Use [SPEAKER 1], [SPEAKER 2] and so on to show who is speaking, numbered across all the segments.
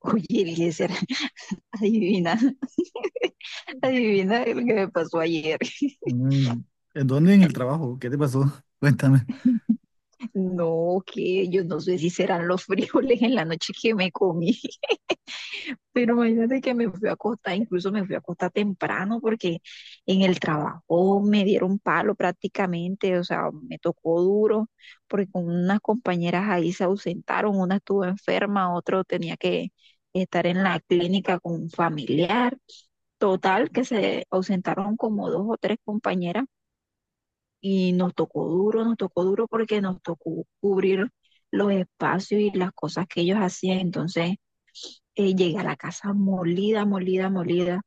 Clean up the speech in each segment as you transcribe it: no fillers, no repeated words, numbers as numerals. [SPEAKER 1] Oye, Eliezer, adivina, adivina lo que me pasó ayer.
[SPEAKER 2] Mm, ¿En dónde en el trabajo? ¿Qué te pasó? Cuéntame.
[SPEAKER 1] No, que yo no sé si serán los frijoles en la noche que me comí, pero imagínate que me fui a acostar, incluso me fui a acostar temprano porque en el trabajo me dieron palo prácticamente, o sea, me tocó duro porque con unas compañeras ahí se ausentaron, una estuvo enferma, otro tenía que estar en la clínica con un familiar. Total, que se ausentaron como dos o tres compañeras y nos tocó duro porque nos tocó cubrir los espacios y las cosas que ellos hacían. Entonces llegué a la casa molida, molida, molida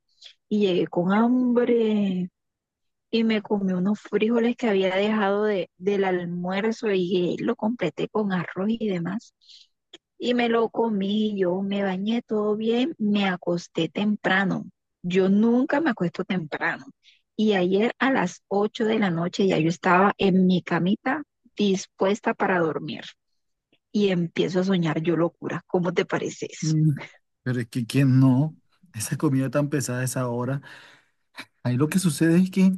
[SPEAKER 1] y llegué con hambre y me comí unos frijoles que había dejado del almuerzo y lo completé con arroz y demás. Y me lo comí, yo me bañé todo bien, me acosté temprano. Yo nunca me acuesto temprano. Y ayer a las 8 de la noche ya yo estaba en mi camita dispuesta para dormir y empiezo a soñar yo locuras. ¿Cómo te parece eso?
[SPEAKER 2] Mm, Pero es que quién no, esa comida tan pesada a esa hora. Ahí lo que sucede es que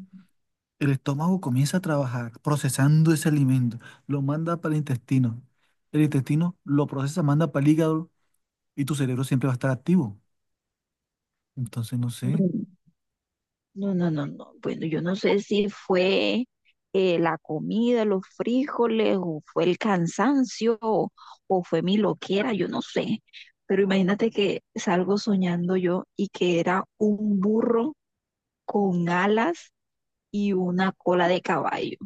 [SPEAKER 2] el estómago comienza a trabajar procesando ese alimento, lo manda para el intestino. El intestino lo procesa, manda para el hígado y tu cerebro siempre va a estar activo. Entonces no sé,
[SPEAKER 1] Mm. No, no, no, no. Bueno, yo no sé si fue la comida, los frijoles, o fue el cansancio, o fue mi loquera, yo no sé. Pero imagínate que salgo soñando yo y que era un burro con alas y una cola de caballo.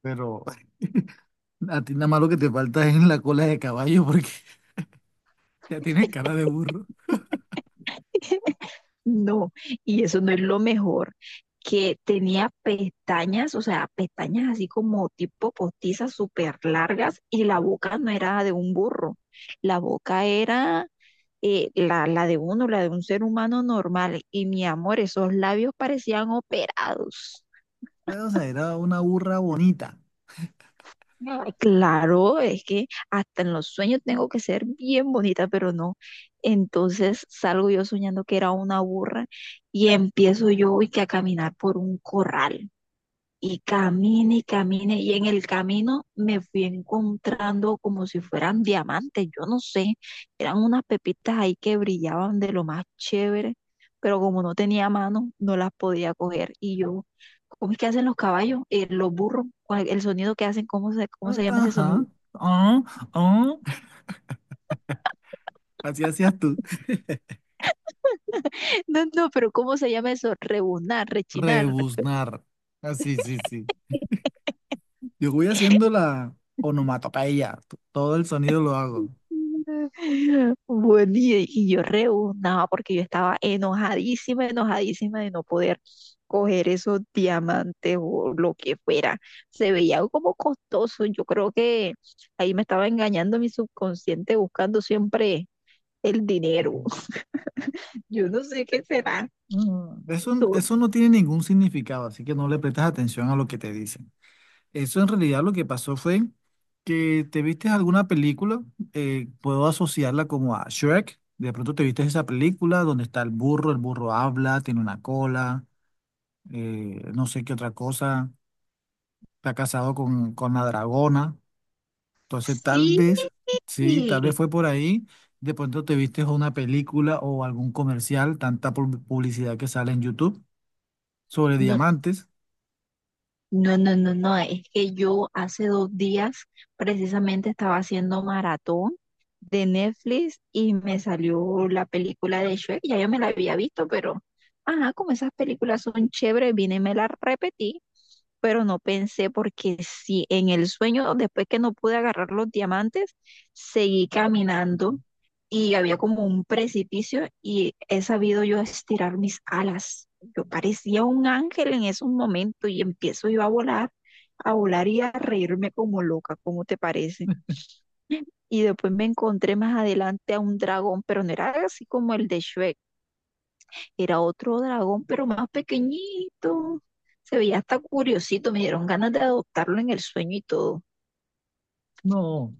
[SPEAKER 2] pero a ti nada más lo que te falta es en la cola de caballo porque ya tienes cara de burro.
[SPEAKER 1] No, y eso no es lo mejor, que tenía pestañas, o sea, pestañas así como tipo postizas súper largas y la boca no era de un burro, la boca era la de uno, la de un ser humano normal. Y mi amor, esos labios parecían operados.
[SPEAKER 2] Pero, o sea, era una burra bonita.
[SPEAKER 1] Ay, claro, es que hasta en los sueños tengo que ser bien bonita, pero no. Entonces salgo yo soñando que era una burra y empiezo yo y que a caminar por un corral. Y camine y camine y en el camino me fui encontrando como si fueran diamantes, yo no sé, eran unas pepitas ahí que brillaban de lo más chévere, pero como no tenía mano, no las podía coger y yo, ¿cómo es que hacen los caballos, los burros, cuál- el sonido que hacen, cómo
[SPEAKER 2] Ah,
[SPEAKER 1] se llama ese sonido?
[SPEAKER 2] ajá. Ah, ah. Así hacías tú.
[SPEAKER 1] No, no, pero ¿cómo se llama eso? Rebunar, rechinar,
[SPEAKER 2] Rebuznar. Así, sí, sí, sí. Yo voy haciendo la onomatopeya. Todo el sonido lo hago.
[SPEAKER 1] bueno, y yo rebuznaba porque yo estaba enojadísima, enojadísima de no poder coger esos diamantes o lo que fuera. Se veía algo como costoso. Yo creo que ahí me estaba engañando mi subconsciente buscando siempre el dinero. Yo no sé qué será.
[SPEAKER 2] Eso,
[SPEAKER 1] Tú...
[SPEAKER 2] eso no tiene ningún significado, así que no le prestas atención a lo que te dicen. Eso en realidad lo que pasó fue que te viste alguna película, puedo asociarla como a Shrek. De pronto te viste esa película donde está el burro habla, tiene una cola, no sé qué otra cosa. Está casado con la dragona. Entonces, tal
[SPEAKER 1] Sí,
[SPEAKER 2] vez, sí, tal vez fue por ahí. De pronto te viste una película o algún comercial, tanta publicidad que sale en YouTube sobre
[SPEAKER 1] no,
[SPEAKER 2] diamantes.
[SPEAKER 1] no, no, no, no, es que yo hace dos días precisamente estaba haciendo maratón de Netflix y me salió la película de Shrek, ya yo me la había visto, pero, ajá, como esas películas son chéveres, vine y me las repetí, pero no pensé porque si en el sueño, después que no pude agarrar los diamantes, seguí caminando y había como un precipicio y he sabido yo estirar mis alas. Yo parecía un ángel en esos momentos y empiezo yo a volar y a reírme como loca, ¿cómo te parece? Y después me encontré más adelante a un dragón, pero no era así como el de Shrek, era otro dragón, pero más pequeñito. Se veía hasta curiosito, me dieron ganas de adoptarlo en el sueño y todo.
[SPEAKER 2] No,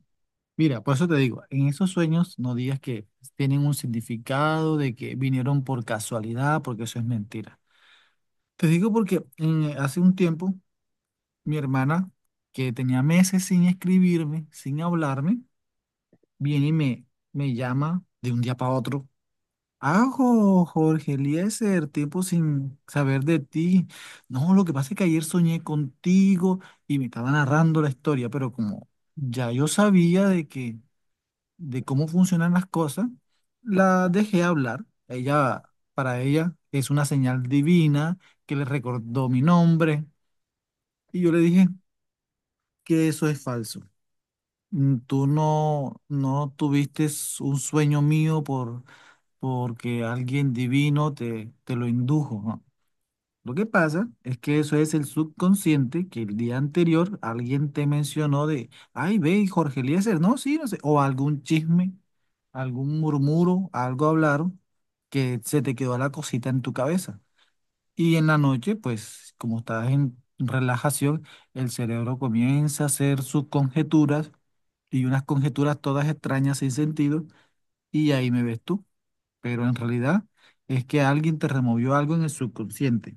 [SPEAKER 2] mira, por eso te digo, en esos sueños no digas que tienen un significado, de que vinieron por casualidad, porque eso es mentira. Te digo porque hace un tiempo mi hermana, que tenía meses sin escribirme, sin hablarme, viene y me llama de un día para otro. Ajo, Jorge Eliezer, tiempo sin saber de ti. No, lo que pasa es que ayer soñé contigo y me estaba narrando la historia, pero como ya yo sabía de cómo funcionan las cosas, la dejé hablar. Ella, para ella, es una señal divina que le recordó mi nombre y yo le dije que eso es falso. Tú no, no tuviste un sueño mío porque alguien divino te lo indujo, ¿no? Lo que pasa es que eso es el subconsciente que el día anterior alguien te mencionó de, ay, ve, y Jorge Eliezer, no, sí, no sé, o algún chisme, algún murmuro, algo hablaron que se te quedó la cosita en tu cabeza. Y en la noche, pues, como estás en relajación, el cerebro comienza a hacer sus conjeturas y unas conjeturas todas extrañas sin sentido, y ahí me ves tú, pero en realidad es que alguien te removió algo en el subconsciente.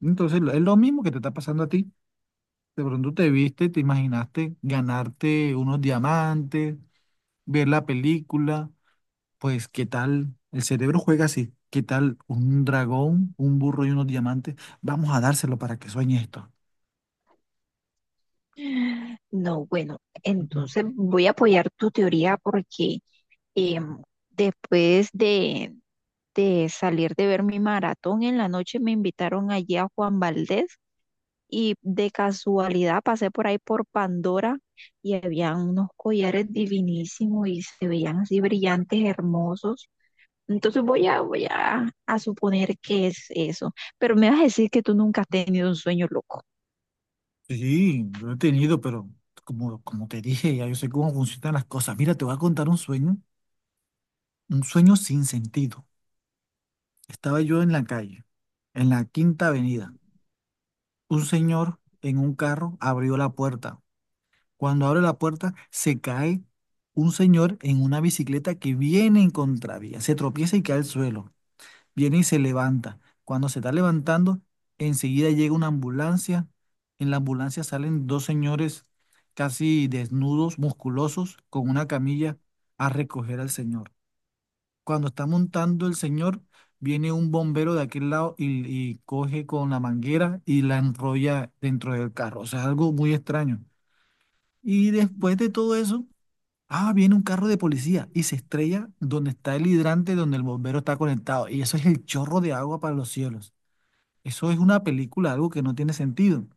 [SPEAKER 2] Entonces, es lo mismo que te está pasando a ti. De pronto te viste, te imaginaste ganarte unos diamantes, ver la película, pues qué tal, el cerebro juega así, qué tal un dragón, un burro y unos diamantes, vamos a dárselo para que sueñe esto.
[SPEAKER 1] No, bueno,
[SPEAKER 2] Ujú.
[SPEAKER 1] entonces voy a apoyar tu teoría porque Em, después de salir de ver mi maratón en la noche, me invitaron allí a Juan Valdés y de casualidad pasé por ahí por Pandora y habían unos collares divinísimos y se veían así brillantes, hermosos. Entonces a suponer que es eso. Pero me vas a decir que tú nunca has tenido un sueño loco.
[SPEAKER 2] Sí, lo he tenido, pero como te dije, ya yo sé cómo funcionan las cosas. Mira, te voy a contar un sueño sin sentido. Estaba yo en la calle, en la Quinta Avenida. Un señor en un carro abrió la puerta. Cuando abre la puerta, se cae un señor en una bicicleta que viene en contravía. Se tropieza y cae al suelo. Viene y se levanta. Cuando se está levantando, enseguida llega una ambulancia. En la ambulancia salen dos señores casi desnudos, musculosos, con una camilla a recoger al señor. Cuando está montando el señor, viene un bombero de aquel lado y coge con la manguera y la enrolla dentro del carro. O sea, algo muy extraño. Y después de todo eso, viene un carro de policía y se estrella donde está el hidrante, donde el bombero está conectado. Y eso es el chorro de agua para los cielos. Eso es una película, algo que no tiene sentido.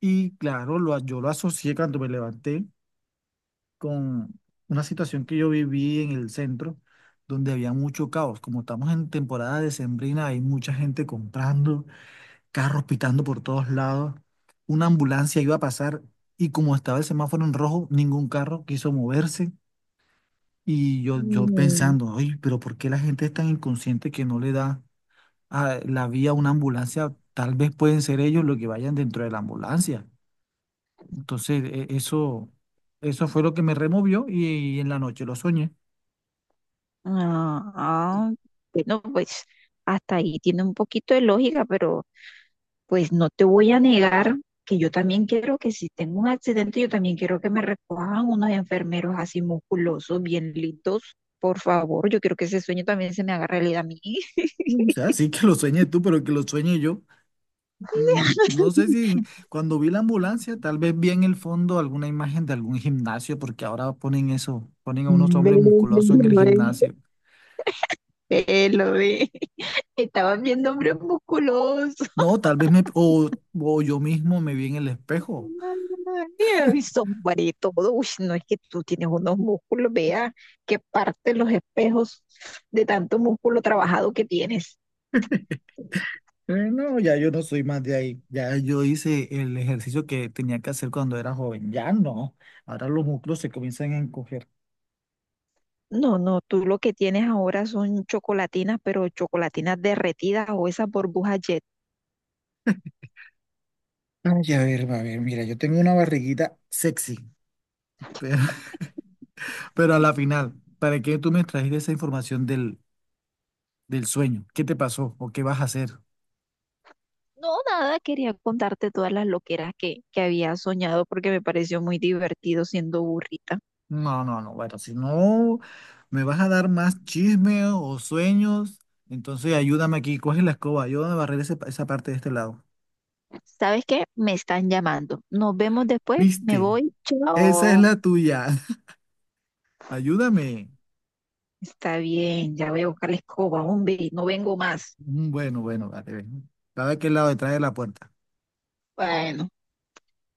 [SPEAKER 2] Y claro, yo lo asocié cuando me levanté con una situación que yo viví en el centro, donde había mucho caos. Como estamos en temporada decembrina, hay mucha gente comprando, carros pitando por todos lados. Una ambulancia iba a pasar y como estaba el semáforo en rojo, ningún carro quiso moverse. Y yo
[SPEAKER 1] Mm.
[SPEAKER 2] pensando, oye, pero ¿por qué la gente es tan inconsciente que no le da a la vía a una ambulancia? Tal vez pueden ser ellos los que vayan dentro de la ambulancia. Entonces, eso, eso fue lo que me removió y en la noche lo soñé.
[SPEAKER 1] Ah, ah, bueno, pues hasta ahí tiene un poquito de lógica, pero... Pues no te voy a negar que yo también quiero que si tengo un accidente, yo también quiero que me recojan unos enfermeros así musculosos, bien lindos. Por favor, yo quiero que ese sueño también se me haga realidad a mí.
[SPEAKER 2] No, o sea, sí que lo sueñe tú, pero que lo sueñe yo. No sé si cuando vi la ambulancia, tal vez vi en el fondo alguna imagen de algún gimnasio, porque ahora ponen eso, ponen a unos
[SPEAKER 1] Ve,
[SPEAKER 2] hombres musculosos en el
[SPEAKER 1] ve.
[SPEAKER 2] gimnasio.
[SPEAKER 1] Ve, lo ve. Estaban viendo hombres musculosos.
[SPEAKER 2] No, tal vez o yo mismo me vi en el espejo.
[SPEAKER 1] Ay, sombra y todo. Uy, no es que tú tienes unos músculos, vea que parte los espejos de tanto músculo trabajado que tienes.
[SPEAKER 2] No, ya yo no soy más de ahí. Ya yo hice el ejercicio que tenía que hacer cuando era joven. Ya no. Ahora los músculos se comienzan a encoger.
[SPEAKER 1] No, no, tú lo que tienes ahora son chocolatinas, pero chocolatinas derretidas o esas burbujas jet.
[SPEAKER 2] Ay, a ver, mira, yo tengo una barriguita sexy. pero Pero a la final, ¿para qué tú me trajiste esa información del sueño? ¿Qué te pasó o qué vas a hacer?
[SPEAKER 1] No, nada, quería contarte todas las loqueras que había soñado porque me pareció muy divertido siendo burrita.
[SPEAKER 2] No, no, no. Bueno, si no me vas a dar más chisme o sueños, entonces ayúdame aquí, coge la escoba, ayúdame a barrer ese esa parte de este lado.
[SPEAKER 1] ¿Sabes qué? Me están llamando. Nos vemos después, me
[SPEAKER 2] ¿Viste?
[SPEAKER 1] voy,
[SPEAKER 2] Esa es
[SPEAKER 1] chao.
[SPEAKER 2] la tuya. Ayúdame.
[SPEAKER 1] Está bien, ya voy a buscar la escoba, hombre, no vengo más.
[SPEAKER 2] Mm, bueno, bueno, vale. Ven. ¿Sabe a qué lado detrás de la puerta?
[SPEAKER 1] Bueno.